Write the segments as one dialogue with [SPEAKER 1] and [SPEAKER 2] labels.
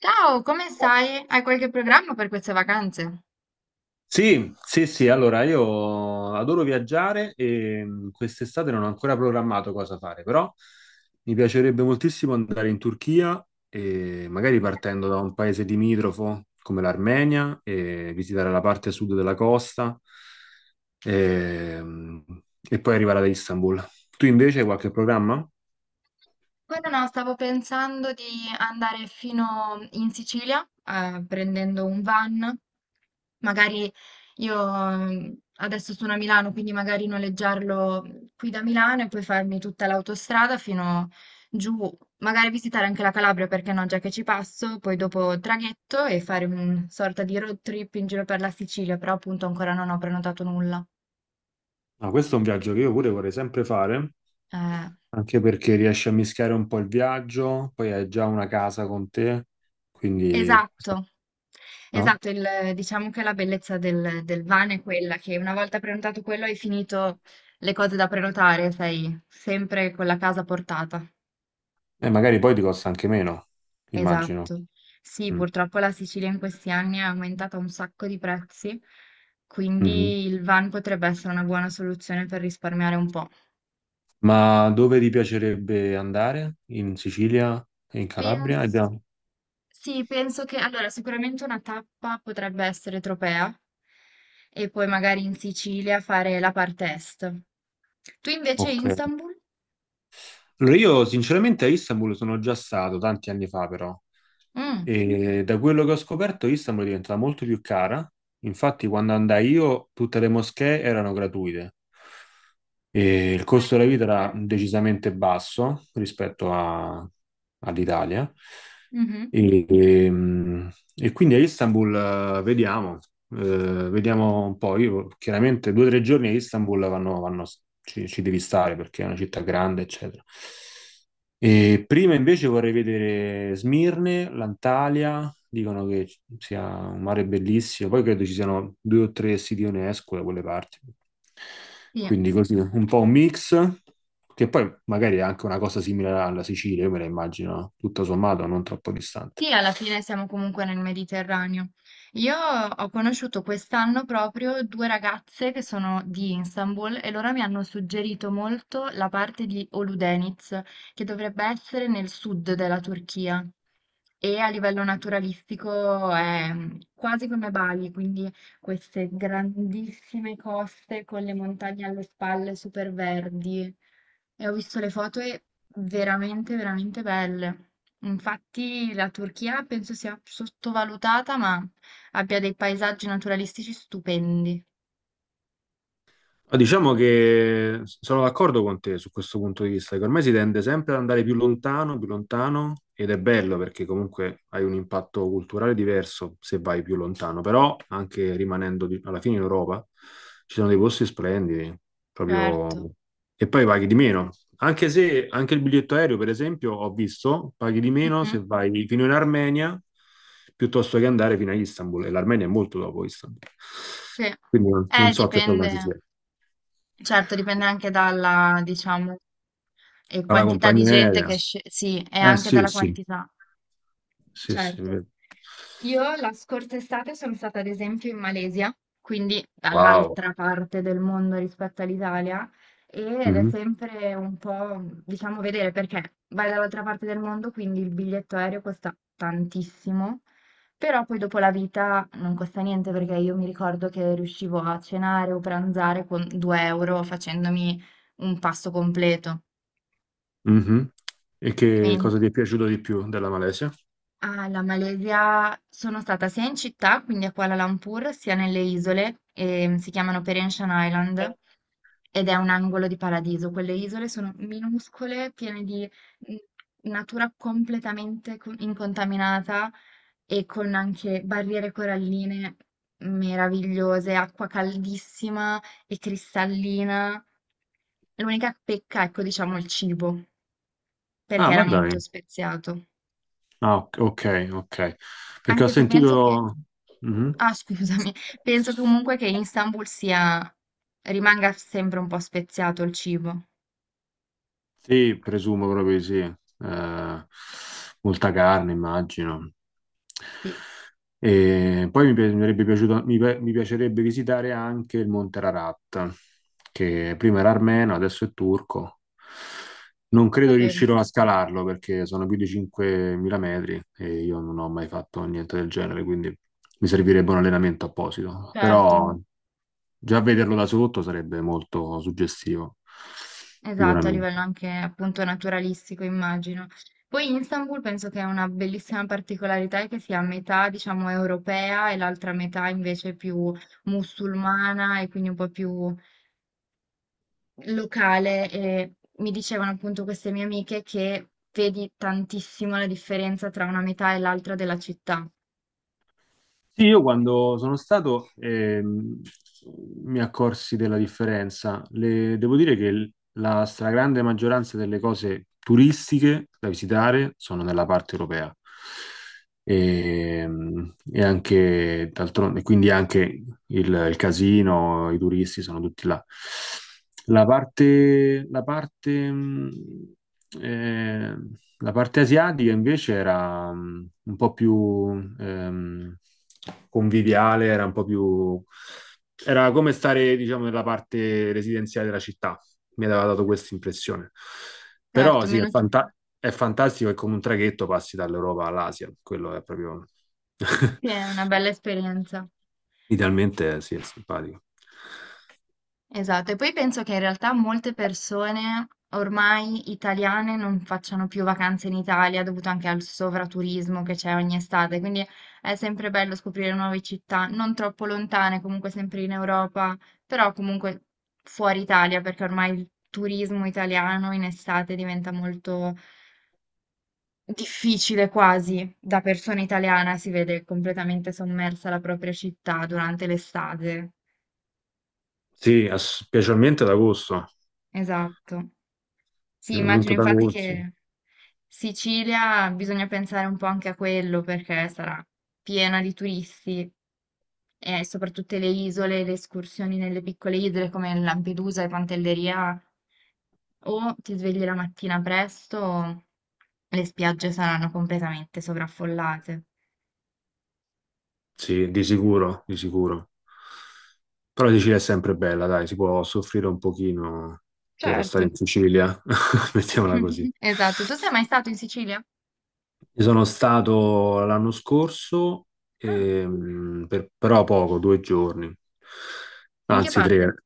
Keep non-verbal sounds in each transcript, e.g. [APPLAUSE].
[SPEAKER 1] Ciao, come stai? Hai qualche programma per queste vacanze?
[SPEAKER 2] Sì, sì, sì, allora io adoro viaggiare e quest'estate non ho ancora programmato cosa fare, però mi piacerebbe moltissimo andare in Turchia e magari partendo da un paese limitrofo come l'Armenia e visitare la parte sud della costa e, mh, e poi arrivare ad Istanbul. Tu invece hai qualche programma?
[SPEAKER 1] Guarda, no, stavo pensando di andare fino in Sicilia, prendendo un van. Magari io adesso sono a Milano, quindi magari noleggiarlo qui da Milano e poi farmi tutta l'autostrada fino giù, magari visitare anche la Calabria, perché no, già che ci passo, poi dopo traghetto e fare una sorta di road trip in giro per la Sicilia, però appunto ancora non ho prenotato nulla.
[SPEAKER 2] Ma questo è un viaggio che io pure vorrei sempre fare,
[SPEAKER 1] Eh,
[SPEAKER 2] anche perché riesci a mischiare un po' il viaggio, poi hai già una casa con te, quindi
[SPEAKER 1] Esatto,
[SPEAKER 2] no?
[SPEAKER 1] esatto. Il diciamo che la bellezza del van è quella che una volta prenotato quello hai finito le cose da prenotare, sei sempre con la casa a portata.
[SPEAKER 2] E magari poi ti costa anche meno, immagino.
[SPEAKER 1] Esatto. Sì,
[SPEAKER 2] Mm.
[SPEAKER 1] purtroppo la Sicilia in questi anni ha aumentato un sacco di prezzi,
[SPEAKER 2] Mhm.
[SPEAKER 1] quindi il van potrebbe essere una buona soluzione per risparmiare un po'.
[SPEAKER 2] Ma dove ti piacerebbe andare? In Sicilia e in Calabria? Eh già.
[SPEAKER 1] Pens- sì, penso che allora sicuramente una tappa potrebbe essere Tropea e poi magari in Sicilia fare la parte est. Tu invece
[SPEAKER 2] Ok.
[SPEAKER 1] Istanbul?
[SPEAKER 2] Allora, io sinceramente a Istanbul sono già stato tanti anni fa, però,
[SPEAKER 1] Mm.
[SPEAKER 2] e da quello che ho scoperto Istanbul è diventata molto più cara. Infatti, quando andai io, tutte le moschee erano gratuite e il costo della vita
[SPEAKER 1] Più?
[SPEAKER 2] era decisamente basso rispetto all'Italia.
[SPEAKER 1] Mhm.
[SPEAKER 2] E, e, mh, e quindi a Istanbul, vediamo, vediamo un po'. Io, chiaramente, due o tre giorni a Istanbul ci devi stare perché è una città grande, eccetera. E prima invece vorrei vedere Smirne, l'Antalya, dicono che sia un mare bellissimo, poi credo ci siano due o tre siti UNESCO da quelle parti.
[SPEAKER 1] Sì.
[SPEAKER 2] Quindi così, un po' un mix, che poi magari è anche una cosa simile alla Sicilia, io me la immagino tutto sommato non troppo distante.
[SPEAKER 1] Sì, alla fine siamo comunque nel Mediterraneo. Io ho conosciuto quest'anno proprio due ragazze che sono di Istanbul e loro mi hanno suggerito molto la parte di Oludeniz, che dovrebbe essere nel sud della Turchia e a livello naturalistico è quasi come Bali, quindi queste grandissime coste con le montagne alle spalle super verdi e ho visto le foto e veramente, veramente belle. Infatti la Turchia penso sia sottovalutata, ma abbia dei paesaggi naturalistici stupendi.
[SPEAKER 2] Ma diciamo che sono d'accordo con te su questo punto di vista, che ormai si tende sempre ad andare più lontano, ed è bello perché comunque hai un impatto culturale diverso se vai più lontano, però anche alla fine in Europa ci sono dei posti splendidi,
[SPEAKER 1] Certo.
[SPEAKER 2] proprio. E poi paghi di meno, anche se anche il biglietto aereo, per esempio, ho visto, paghi di meno
[SPEAKER 1] Mhm.
[SPEAKER 2] se vai fino in Armenia piuttosto che andare fino a Istanbul. E l'Armenia è molto dopo Istanbul.
[SPEAKER 1] Sì.
[SPEAKER 2] Quindi non so che problema ci
[SPEAKER 1] Dipende,
[SPEAKER 2] sia.
[SPEAKER 1] certo, dipende anche dalla, diciamo, e
[SPEAKER 2] Alla
[SPEAKER 1] quantità di
[SPEAKER 2] compagnia
[SPEAKER 1] gente
[SPEAKER 2] aerea.
[SPEAKER 1] che esce, sì, e
[SPEAKER 2] Eh
[SPEAKER 1] anche
[SPEAKER 2] sì,
[SPEAKER 1] dalla
[SPEAKER 2] sì,
[SPEAKER 1] quantità.
[SPEAKER 2] sì, sì. È
[SPEAKER 1] Certo.
[SPEAKER 2] vero.
[SPEAKER 1] Io la scorsa estate sono stata ad esempio in Malesia, quindi
[SPEAKER 2] Wow.
[SPEAKER 1] dall'altra parte del mondo rispetto all'Italia, ed è
[SPEAKER 2] Mhm,
[SPEAKER 1] sempre un po', diciamo, vedere perché vai dall'altra parte del mondo, quindi il biglietto aereo costa tantissimo, però poi dopo la vita non costa niente perché io mi ricordo che riuscivo a cenare o pranzare con 2 euro facendomi un pasto completo.
[SPEAKER 2] mhm. E che cosa ti è piaciuto di più della Malesia?
[SPEAKER 1] Alla Malesia sono stata sia in città, quindi a Kuala Lumpur, sia nelle isole, si chiamano Perhentian Island, ed è un angolo di paradiso. Quelle isole sono minuscole, piene di mm, natura completamente incontaminata e con anche barriere coralline meravigliose, acqua caldissima e cristallina. L'unica pecca, ecco, diciamo il cibo,
[SPEAKER 2] Ah,
[SPEAKER 1] perché
[SPEAKER 2] ma
[SPEAKER 1] era molto
[SPEAKER 2] dai.
[SPEAKER 1] speziato.
[SPEAKER 2] Ah, ok, ok. Ok. Perché ho
[SPEAKER 1] Anche se penso che
[SPEAKER 2] sentito. Mhm.
[SPEAKER 1] Ah, scusami, [LAUGHS] penso comunque che in Istanbul sia rimanga sempre un po' speziato il cibo.
[SPEAKER 2] Sì, presumo proprio di sì. Molta carne, immagino.
[SPEAKER 1] Sì.
[SPEAKER 2] E poi mi, pi- mi sarebbe piaciuto- mi pi- mi piacerebbe visitare anche il Monte Ararat, che prima era armeno, adesso è turco.
[SPEAKER 1] Lo
[SPEAKER 2] Non credo
[SPEAKER 1] sapevo,
[SPEAKER 2] riuscirò a scalarlo perché sono più di 5.000 metri e io non ho mai fatto niente del genere, quindi mi servirebbe un allenamento apposito.
[SPEAKER 1] certo.
[SPEAKER 2] Però già vederlo da sotto sarebbe molto suggestivo,
[SPEAKER 1] Esatto, a
[SPEAKER 2] sicuramente.
[SPEAKER 1] livello anche appunto naturalistico, immagino. Poi Istanbul penso che è una bellissima particolarità è che sia metà, diciamo, europea e l'altra metà invece più musulmana e quindi un po' più locale e mi dicevano appunto queste mie amiche che vedi tantissimo la differenza tra una metà e l'altra della città.
[SPEAKER 2] Sì, io quando sono stato mi accorsi della differenza. Devo dire che la stragrande maggioranza delle cose turistiche da visitare sono nella parte europea. E, anche d'altronde, quindi anche il casino, i turisti sono tutti là. La parte eh, la parte asiatica invece era un po' più ehm, conviviale, era un po' più. Era come stare, diciamo, nella parte residenziale della città. Mi aveva dato questa impressione. Però
[SPEAKER 1] Certo,
[SPEAKER 2] sì, è,
[SPEAKER 1] meno che
[SPEAKER 2] è fantastico che con un traghetto passi dall'Europa all'Asia. Quello è proprio. [LAUGHS]
[SPEAKER 1] che è una bella esperienza.
[SPEAKER 2] Idealmente sì, è simpatico.
[SPEAKER 1] Esatto, e poi penso che in realtà molte persone ormai italiane non facciano più vacanze in Italia dovuto anche al sovraturismo che c'è ogni estate, quindi è sempre bello scoprire nuove città, non troppo lontane, comunque sempre in Europa, però comunque fuori Italia, perché ormai il turismo italiano in estate diventa molto difficile quasi da persona italiana, si vede completamente sommersa la propria città durante l'estate.
[SPEAKER 2] Sì, specialmente ad agosto.
[SPEAKER 1] Esatto. Sì,
[SPEAKER 2] Specialmente
[SPEAKER 1] immagino
[SPEAKER 2] ad
[SPEAKER 1] infatti
[SPEAKER 2] agosto.
[SPEAKER 1] che Sicilia bisogna pensare un po' anche a quello perché sarà piena di turisti e soprattutto le isole, le escursioni nelle piccole isole come Lampedusa e Pantelleria, o ti svegli la mattina presto, o le spiagge saranno completamente sovraffollate.
[SPEAKER 2] Sì, di sicuro, di sicuro. Però la Sicilia è sempre bella, dai, si può soffrire un pochino per
[SPEAKER 1] Certo.
[SPEAKER 2] stare in Sicilia, [LAUGHS] mettiamola così.
[SPEAKER 1] [LAUGHS] Esatto. Tu sei mai stato in Sicilia?
[SPEAKER 2] Io sono stato l'anno scorso,
[SPEAKER 1] Ah,
[SPEAKER 2] però poco, due giorni,
[SPEAKER 1] in che
[SPEAKER 2] anzi
[SPEAKER 1] parte?
[SPEAKER 2] tre.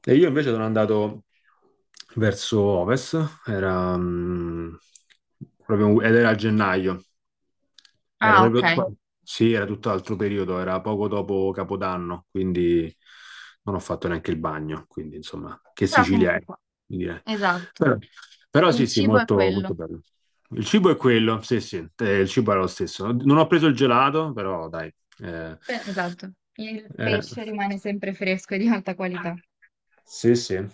[SPEAKER 2] E io invece sono andato verso ovest, era, proprio, ed era a gennaio. Era
[SPEAKER 1] Ah, ok.
[SPEAKER 2] proprio, sì, era tutt'altro periodo, era poco dopo Capodanno, quindi non ho fatto neanche il bagno, quindi insomma, che
[SPEAKER 1] Però
[SPEAKER 2] Sicilia è,
[SPEAKER 1] comunque,
[SPEAKER 2] mi direi.
[SPEAKER 1] esatto.
[SPEAKER 2] Però, però sì,
[SPEAKER 1] Il
[SPEAKER 2] sì,
[SPEAKER 1] cibo è
[SPEAKER 2] molto, molto
[SPEAKER 1] quello.
[SPEAKER 2] bello. Il cibo è quello, sì, sì, il cibo era lo stesso. Non ho preso il gelato, però dai, eh,
[SPEAKER 1] Beh, esatto, il
[SPEAKER 2] eh,
[SPEAKER 1] pesce rimane sempre fresco e di alta qualità.
[SPEAKER 2] sì, sì.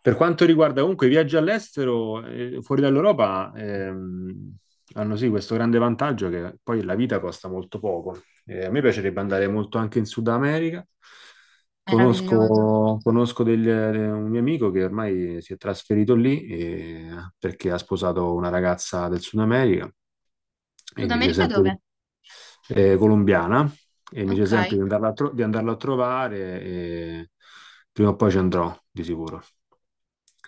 [SPEAKER 2] Per quanto riguarda comunque i viaggi all'estero, fuori dall'Europa, hanno sì questo grande vantaggio che poi la vita costa molto poco. A me piacerebbe andare molto anche in Sud America.
[SPEAKER 1] Meraviglioso.
[SPEAKER 2] Conosco un mio amico che ormai si è trasferito lì perché ha sposato una ragazza del Sud America e
[SPEAKER 1] Sud
[SPEAKER 2] mi dice
[SPEAKER 1] America
[SPEAKER 2] sempre
[SPEAKER 1] dove?
[SPEAKER 2] colombiana e mi dice
[SPEAKER 1] Ok.
[SPEAKER 2] sempre di di andarla a trovare e prima o poi ci andrò, di sicuro.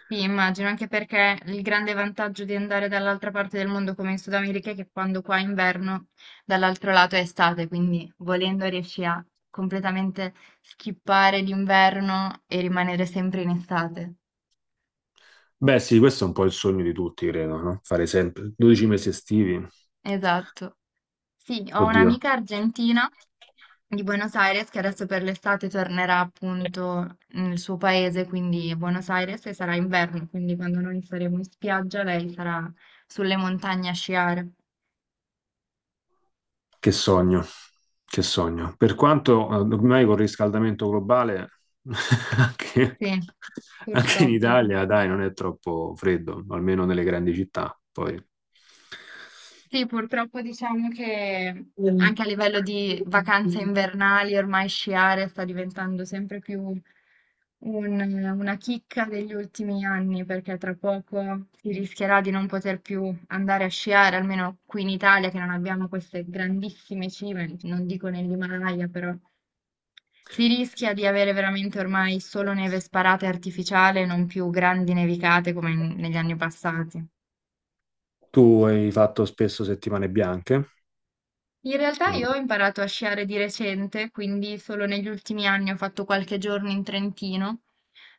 [SPEAKER 1] Sì, immagino, anche perché il grande vantaggio di andare dall'altra parte del mondo come in Sud America è che quando qua è inverno, dall'altro lato è estate, quindi volendo riesci a completamente skippare l'inverno e rimanere sempre in estate.
[SPEAKER 2] Beh, sì, questo è un po' il sogno di tutti, credo, no? Fare sempre 12 mesi estivi.
[SPEAKER 1] Esatto. Sì, ho
[SPEAKER 2] Oddio,
[SPEAKER 1] un'amica argentina di Buenos Aires che adesso per l'estate tornerà appunto nel suo paese, quindi a Buenos Aires, e sarà inverno, quindi quando noi saremo in spiaggia lei sarà sulle montagne a sciare.
[SPEAKER 2] che sogno, che sogno. Per quanto ormai con il riscaldamento globale, [LAUGHS] anche,
[SPEAKER 1] Sì,
[SPEAKER 2] anche in
[SPEAKER 1] purtroppo.
[SPEAKER 2] Italia, dai, non è troppo freddo, almeno nelle grandi città. Poi
[SPEAKER 1] Sì, purtroppo diciamo che anche a livello di vacanze invernali ormai sciare sta diventando sempre più un una chicca degli ultimi anni, perché tra poco si rischierà di non poter più andare a sciare, almeno qui in Italia che non abbiamo queste grandissime cime, non dico nell'Himalaya, però si rischia di avere veramente ormai solo neve sparata e artificiale, non più grandi nevicate come negli anni passati.
[SPEAKER 2] tu hai fatto spesso settimane bianche.
[SPEAKER 1] In realtà io ho
[SPEAKER 2] Eh,
[SPEAKER 1] imparato a sciare di recente, quindi solo negli ultimi anni ho fatto qualche giorno in Trentino,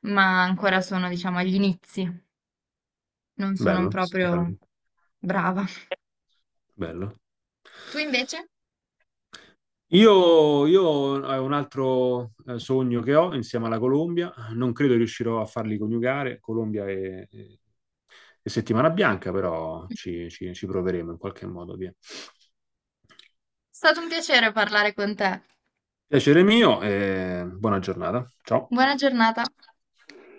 [SPEAKER 1] ma ancora sono, diciamo, agli inizi, non sono
[SPEAKER 2] Bello,
[SPEAKER 1] proprio
[SPEAKER 2] bello,
[SPEAKER 1] brava.
[SPEAKER 2] bello.
[SPEAKER 1] Tu invece?
[SPEAKER 2] Io è un altro sogno che ho insieme alla Colombia, non credo riuscirò a farli coniugare, Colombia e Settimana Bianca, però
[SPEAKER 1] È
[SPEAKER 2] ci proveremo in qualche modo, via.
[SPEAKER 1] stato un piacere parlare con te.
[SPEAKER 2] Piacere mio e buona giornata. Ciao.
[SPEAKER 1] Buona giornata.